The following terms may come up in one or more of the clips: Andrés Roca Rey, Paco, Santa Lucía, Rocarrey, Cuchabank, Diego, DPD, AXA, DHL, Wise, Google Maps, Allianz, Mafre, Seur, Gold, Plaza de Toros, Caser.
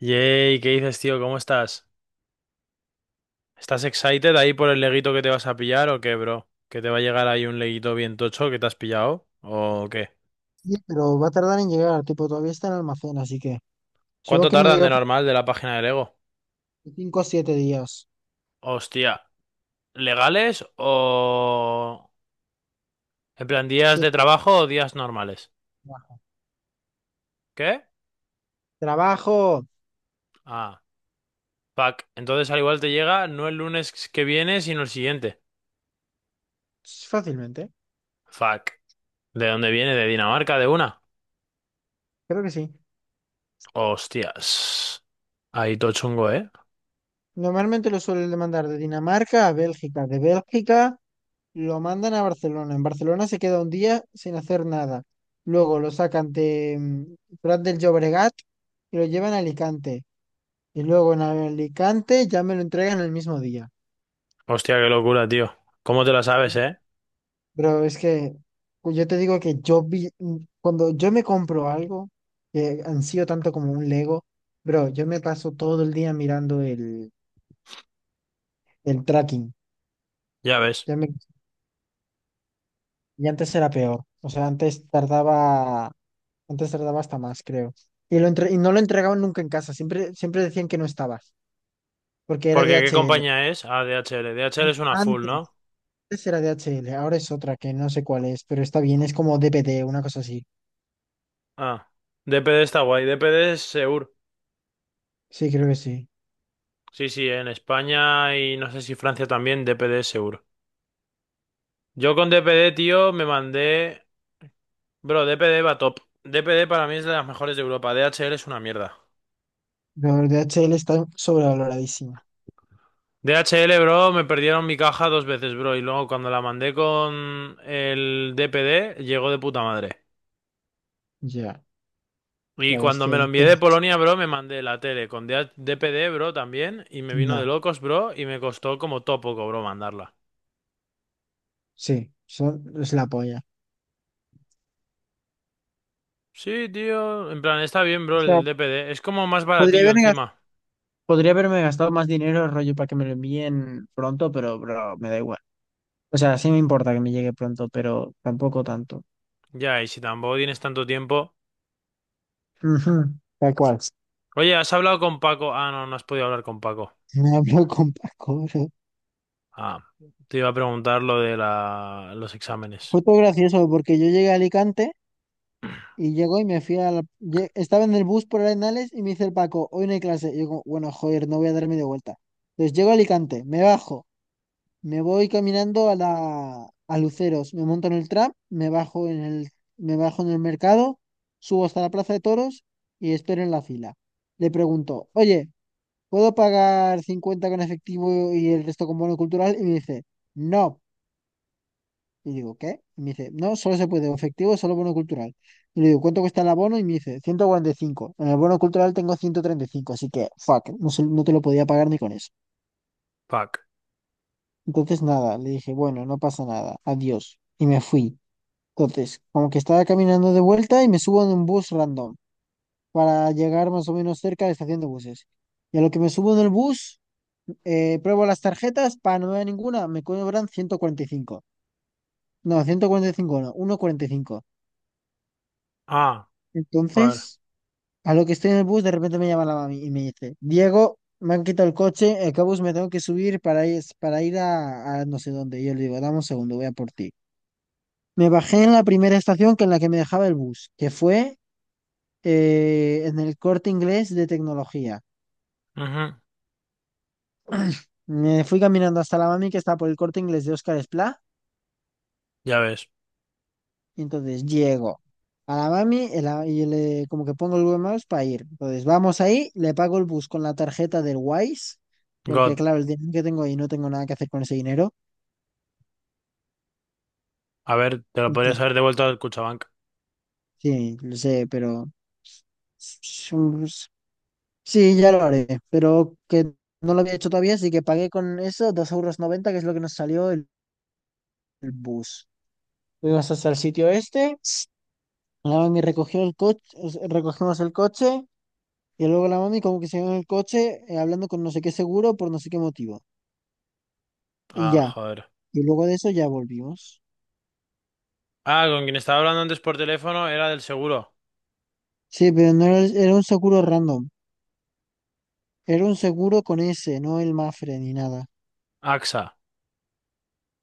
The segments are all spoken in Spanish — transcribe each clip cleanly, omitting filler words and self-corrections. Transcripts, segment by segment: Yay, ¿qué dices, tío? ¿Cómo estás? ¿Estás excited ahí por el leguito que te vas a pillar o qué, bro? ¿Que te va a llegar ahí un leguito bien tocho que te has pillado? ¿O qué? Sí, pero va a tardar en llegar, tipo, todavía está en almacén, así que supongo ¿Cuánto que me tardan llega de por normal de la página de Lego? 5 o 7 días. Hostia, ¿legales o? ¿En plan, días Sí, de poco trabajo o días normales? más. ¿Qué? Trabajo Ah, fuck. Entonces al igual te llega no el lunes que viene, sino el siguiente. fácilmente, Fuck. ¿De dónde viene? ¿De Dinamarca? ¿De una? creo que sí. Hostias. Ahí todo chungo, ¿eh? Normalmente lo suelen mandar de Dinamarca a Bélgica, de Bélgica lo mandan a Barcelona. En Barcelona se queda un día sin hacer nada. Luego lo sacan de Prat del Llobregat y lo llevan a Alicante. Y luego en Alicante ya me lo entregan el mismo día. Hostia, qué locura, tío. ¿Cómo te la sabes, eh? Bro, es que pues, yo te digo que yo vi, cuando yo me compro algo, que han sido tanto como un Lego, bro, yo me paso todo el día mirando el tracking. Ya ves. Ya me- y antes era peor. O sea, antes tardaba hasta más, creo. Y, no lo entregaban nunca en casa, siempre, siempre decían que no estabas, porque era Porque, ¿qué DHL. compañía es? Ah, DHL. DHL es una full, Antes, ¿no? antes era DHL, ahora es otra que no sé cuál es, pero está bien, es como DPD, una cosa así. Ah. DPD está guay. DPD es Seur. Sí, creo que sí. Sí, sí, en España y no sé si Francia también, DPD es Seur. Yo con DPD, tío, me mandé. Bro, DPD va top. DPD para mí es de las mejores de Europa. DHL es una mierda. Pero el DHL está sobrevaloradísimo. DHL, bro, me perdieron mi caja dos veces, bro. Y luego cuando la mandé con el DPD, llegó de puta madre. Ya, Y la cuando bestia me lo de envié de pez. Polonia, bro, me mandé la tele con DH DPD, bro, también. Y me vino de Ya, locos, bro. Y me costó como todo poco, bro, mandarla. sí, es la polla. Sí, tío. En plan, está bien, O bro, sea, el DPD. Es como más podría baratillo haber gas- encima. podría haberme gastado más dinero rollo para que me lo envíen pronto, pero bro, me da igual. O sea, sí me importa que me llegue pronto, pero tampoco tanto. Ya, y si tampoco tienes tanto tiempo. Ujú, tal cual. Oye, ¿has hablado con Paco? Ah, no, no has podido hablar con Paco. Me hablo con Paco, bro. Ah, te iba a preguntar lo de los exámenes. Fue todo gracioso porque yo llegué a Alicante y llegó y me fui. Estaba en el bus por Arenales y me dice el Paco, hoy no hay clase. Y yo como, bueno, joder, no voy a dar media vuelta. Entonces llego a Alicante, me bajo. Me voy caminando a Luceros, me monto en el tram, me bajo en el mercado, subo hasta la plaza de toros y espero en la fila. Le pregunto, "Oye, ¿puedo pagar 50 con efectivo y el resto con bono cultural?" Y me dice, "No." Y digo, "¿Qué?" Y me dice, "No, solo se puede o efectivo, solo bono cultural." Y le digo, "¿Cuánto cuesta el abono?" Y me dice, 145. En el bono cultural tengo 135, así que fuck, no te lo podía pagar ni con eso. Fuck. Entonces nada, le dije, "Bueno, no pasa nada. Adiós." Y me fui. Entonces, como que estaba caminando de vuelta y me subo en un bus random para llegar más o menos cerca de la estación de buses. Y a lo que me subo en el bus, pruebo las tarjetas, para no ver ninguna, me cobran 145. No, 145 no, ciento cuarenta y cinco. Ah, joder. Entonces, a lo que estoy en el bus, de repente me llama la mami y me dice, Diego, me han quitado el coche, el bus me tengo que subir para ir a no sé dónde. Y yo le digo, dame un segundo, voy a por ti. Me bajé en la primera estación que en la que me dejaba el bus, que fue en el Corte Inglés de tecnología. Ujú, Me fui caminando hasta la mami que está por el Corte Inglés de Óscar Esplá, ya ves. y entonces llego a la mami y, y le, como que pongo el Google Maps para ir. Entonces vamos ahí, le pago el bus con la tarjeta del Wise, porque God. claro, el dinero que tengo ahí no tengo nada que hacer con ese dinero. A ver, te lo podrías Entonces, haber devuelto al Cuchabank. sí, lo sé, pero. Sí, ya lo haré, pero que no lo había hecho todavía, así que pagué con eso 2,90 € que es lo que nos salió el bus. Fuimos hasta el sitio este, la mami recogió el coche, recogimos el coche, y luego la mami como que se quedó en el coche hablando con no sé qué seguro por no sé qué motivo. Y Ah, ya, joder. y luego de eso ya volvimos. Ah, con quien estaba hablando antes por teléfono era del seguro. Sí, pero no era, era un seguro random, era un seguro con ese, no el Mafre ni nada. AXA,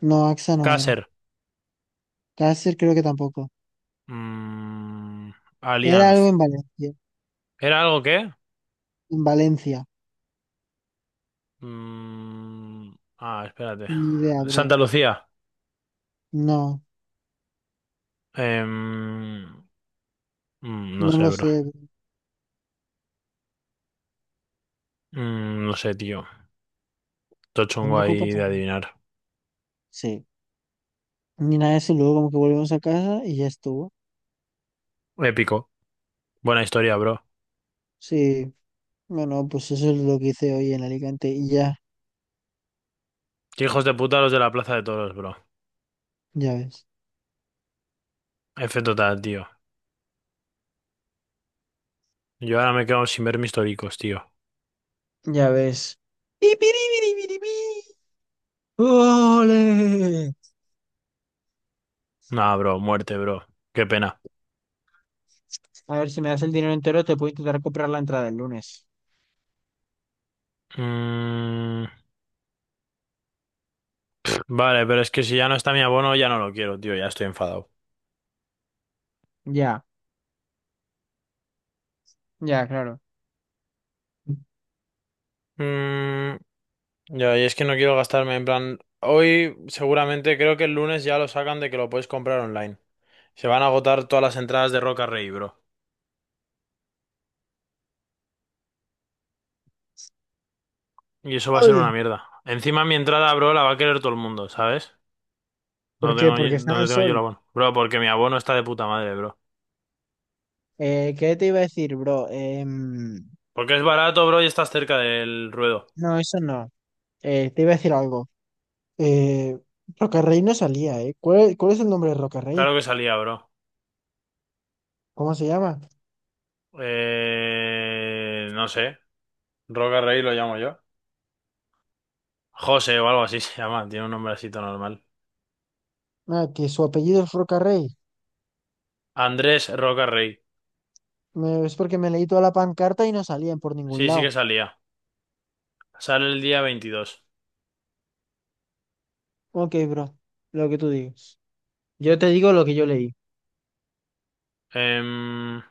No, AXA no era. Caser, Caser creo que tampoco. mm, Era algo Allianz. en Valencia, ¿Era algo qué? en Valencia. Mm, ah, espérate. Ni idea, bro. Santa Lucía. No, Em, no no sé, lo bro. sé, bro. No sé, tío. Todo chungo Tampoco ahí pasa de nada. adivinar. Sí, ni nada de eso, luego como que volvimos a casa y ya estuvo. Épico. Buena historia, bro. Sí. No, no, pues eso es lo que hice hoy en Alicante y ya, Qué hijos de puta los de la Plaza de Toros, bro. ya ves. F total, tío. Yo ahora me quedo sin ver mis toricos, tío. Ya ves. ¡Ipiribiribiribí! ¡Ole! Nah, bro. Muerte, bro. Qué pena. A ver, si me das el dinero entero, te puedo intentar comprar la entrada el lunes. Mm, Vale, pero es que si ya no está mi abono, ya no lo quiero, tío, ya estoy enfadado. Ya, ya, claro. Mm, ya, y es que no quiero gastarme, en plan, hoy seguramente creo que el lunes ya lo sacan de que lo puedes comprar online. Se van a agotar todas las entradas de Roca Rey, bro. Y eso va a ser Ay, una mierda. Encima mi entrada, bro, la va a querer todo el mundo, ¿sabes? ¿por ¿Dónde qué? tengo Porque está en el dónde tengo yo el sol. abono? Bro, porque mi abono está de puta madre, bro. ¿Qué te iba a decir, bro? Porque es barato, bro, y estás cerca del ruedo. No, eso no. Te iba a decir algo. Eh, Rocarrey no salía, ¿eh? ¿Cuál es el nombre de Rocarrey? Claro que salía, bro. ¿Cómo se llama? No sé. Roca Rey lo llamo yo. José o algo así se llama, tiene un nombrecito normal. Ah, que su apellido es Rocarrey. Andrés Roca Rey. Es porque me leí toda la pancarta y no salían por ningún Sí, sí que lado. salía. Sale el día 22. Ok, bro, lo que tú digas. Yo te digo lo que yo leí. Em,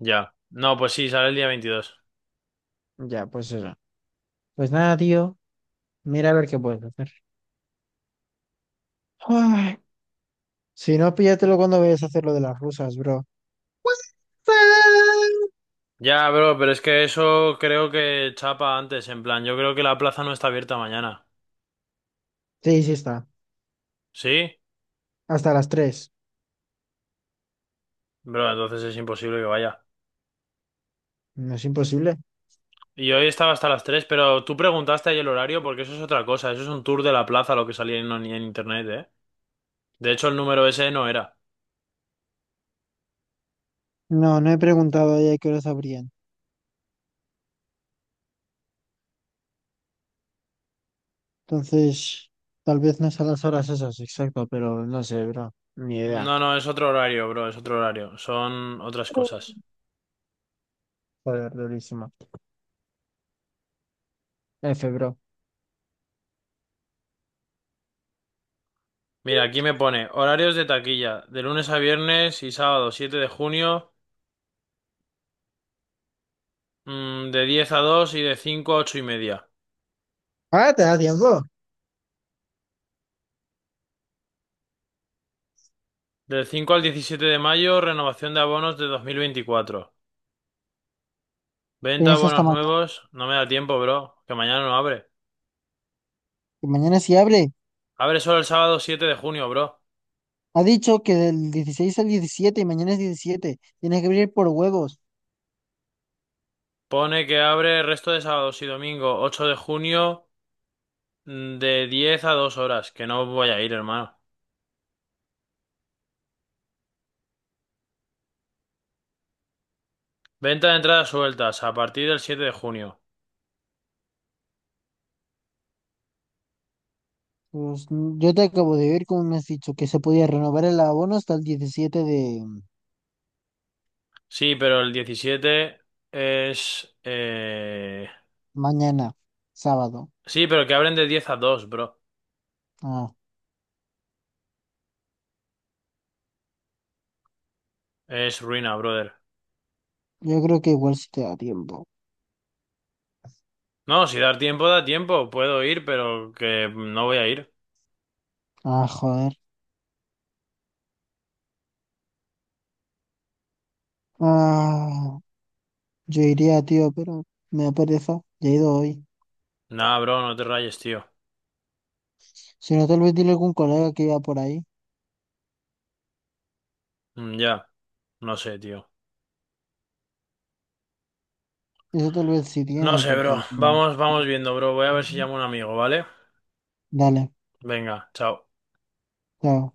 ya. No, pues sí, sale el día 22. Ya, pues eso. Pues nada, tío. Mira a ver qué puedes hacer. Ay, si no, píllatelo cuando vayas a hacer lo de las rusas, bro. Ya, bro, pero es que eso creo que chapa antes, en plan, yo creo que la plaza no está abierta mañana. Sí, sí está. ¿Sí? Hasta las tres. Bro, entonces es imposible que vaya. No es imposible. Y hoy estaba hasta las 3, pero tú preguntaste ahí el horario porque eso es otra cosa, eso es un tour de la plaza lo que salía en internet, ¿eh? De hecho, el número ese no era. No, no he preguntado a ella qué horas abrían. Entonces, tal vez no es a las horas esas, exacto, pero no sé, bro. Ni idea. No, no, es otro horario, bro, es otro horario. Son otras cosas. Joder, durísimo. F, bro. Mira, aquí me pone horarios de taquilla, de lunes a viernes y sábado 7 de junio, de 10 a 2 y de 5 a 8 y media. Ah, te da tiempo. Del 5 al 17 de mayo, renovación de abonos de 2024. Venta de Tienes hasta abonos mañana. nuevos, no me da tiempo, bro, que mañana no abre. Que mañana sí abre. Abre solo el sábado 7 de junio, bro. Ha dicho que del 16 al 17 y mañana es 17. Tienes que abrir por huevos. Pone que abre el resto de sábados y domingo 8 de junio, de 10 a 2 horas, que no voy a ir, hermano. Venta de entradas sueltas a partir del 7 de junio. Pues yo te acabo de ver como me has dicho que se podía renovar el abono hasta el 17 de Sí, pero el 17, es... eh, mañana, sábado. sí, pero que abren de 10 a 2, bro. Ah, Es ruina, brother. yo creo que igual sí te da tiempo. No, si dar tiempo, da tiempo. Puedo ir, pero que no voy a ir. Ah, joder. Ah, yo iría, tío, pero me da pereza. Ya he ido hoy. Nah, bro, no te rayes, tío. Si no, tal vez dile a algún colega que iba por ahí. Ya, no sé, tío. Eso tal vez sí No tiene, sé, bro. porque... mm, Vamos, vamos viendo, bro. Voy a ver si llamo a un amigo, ¿vale? Dale, Venga, chao. chao.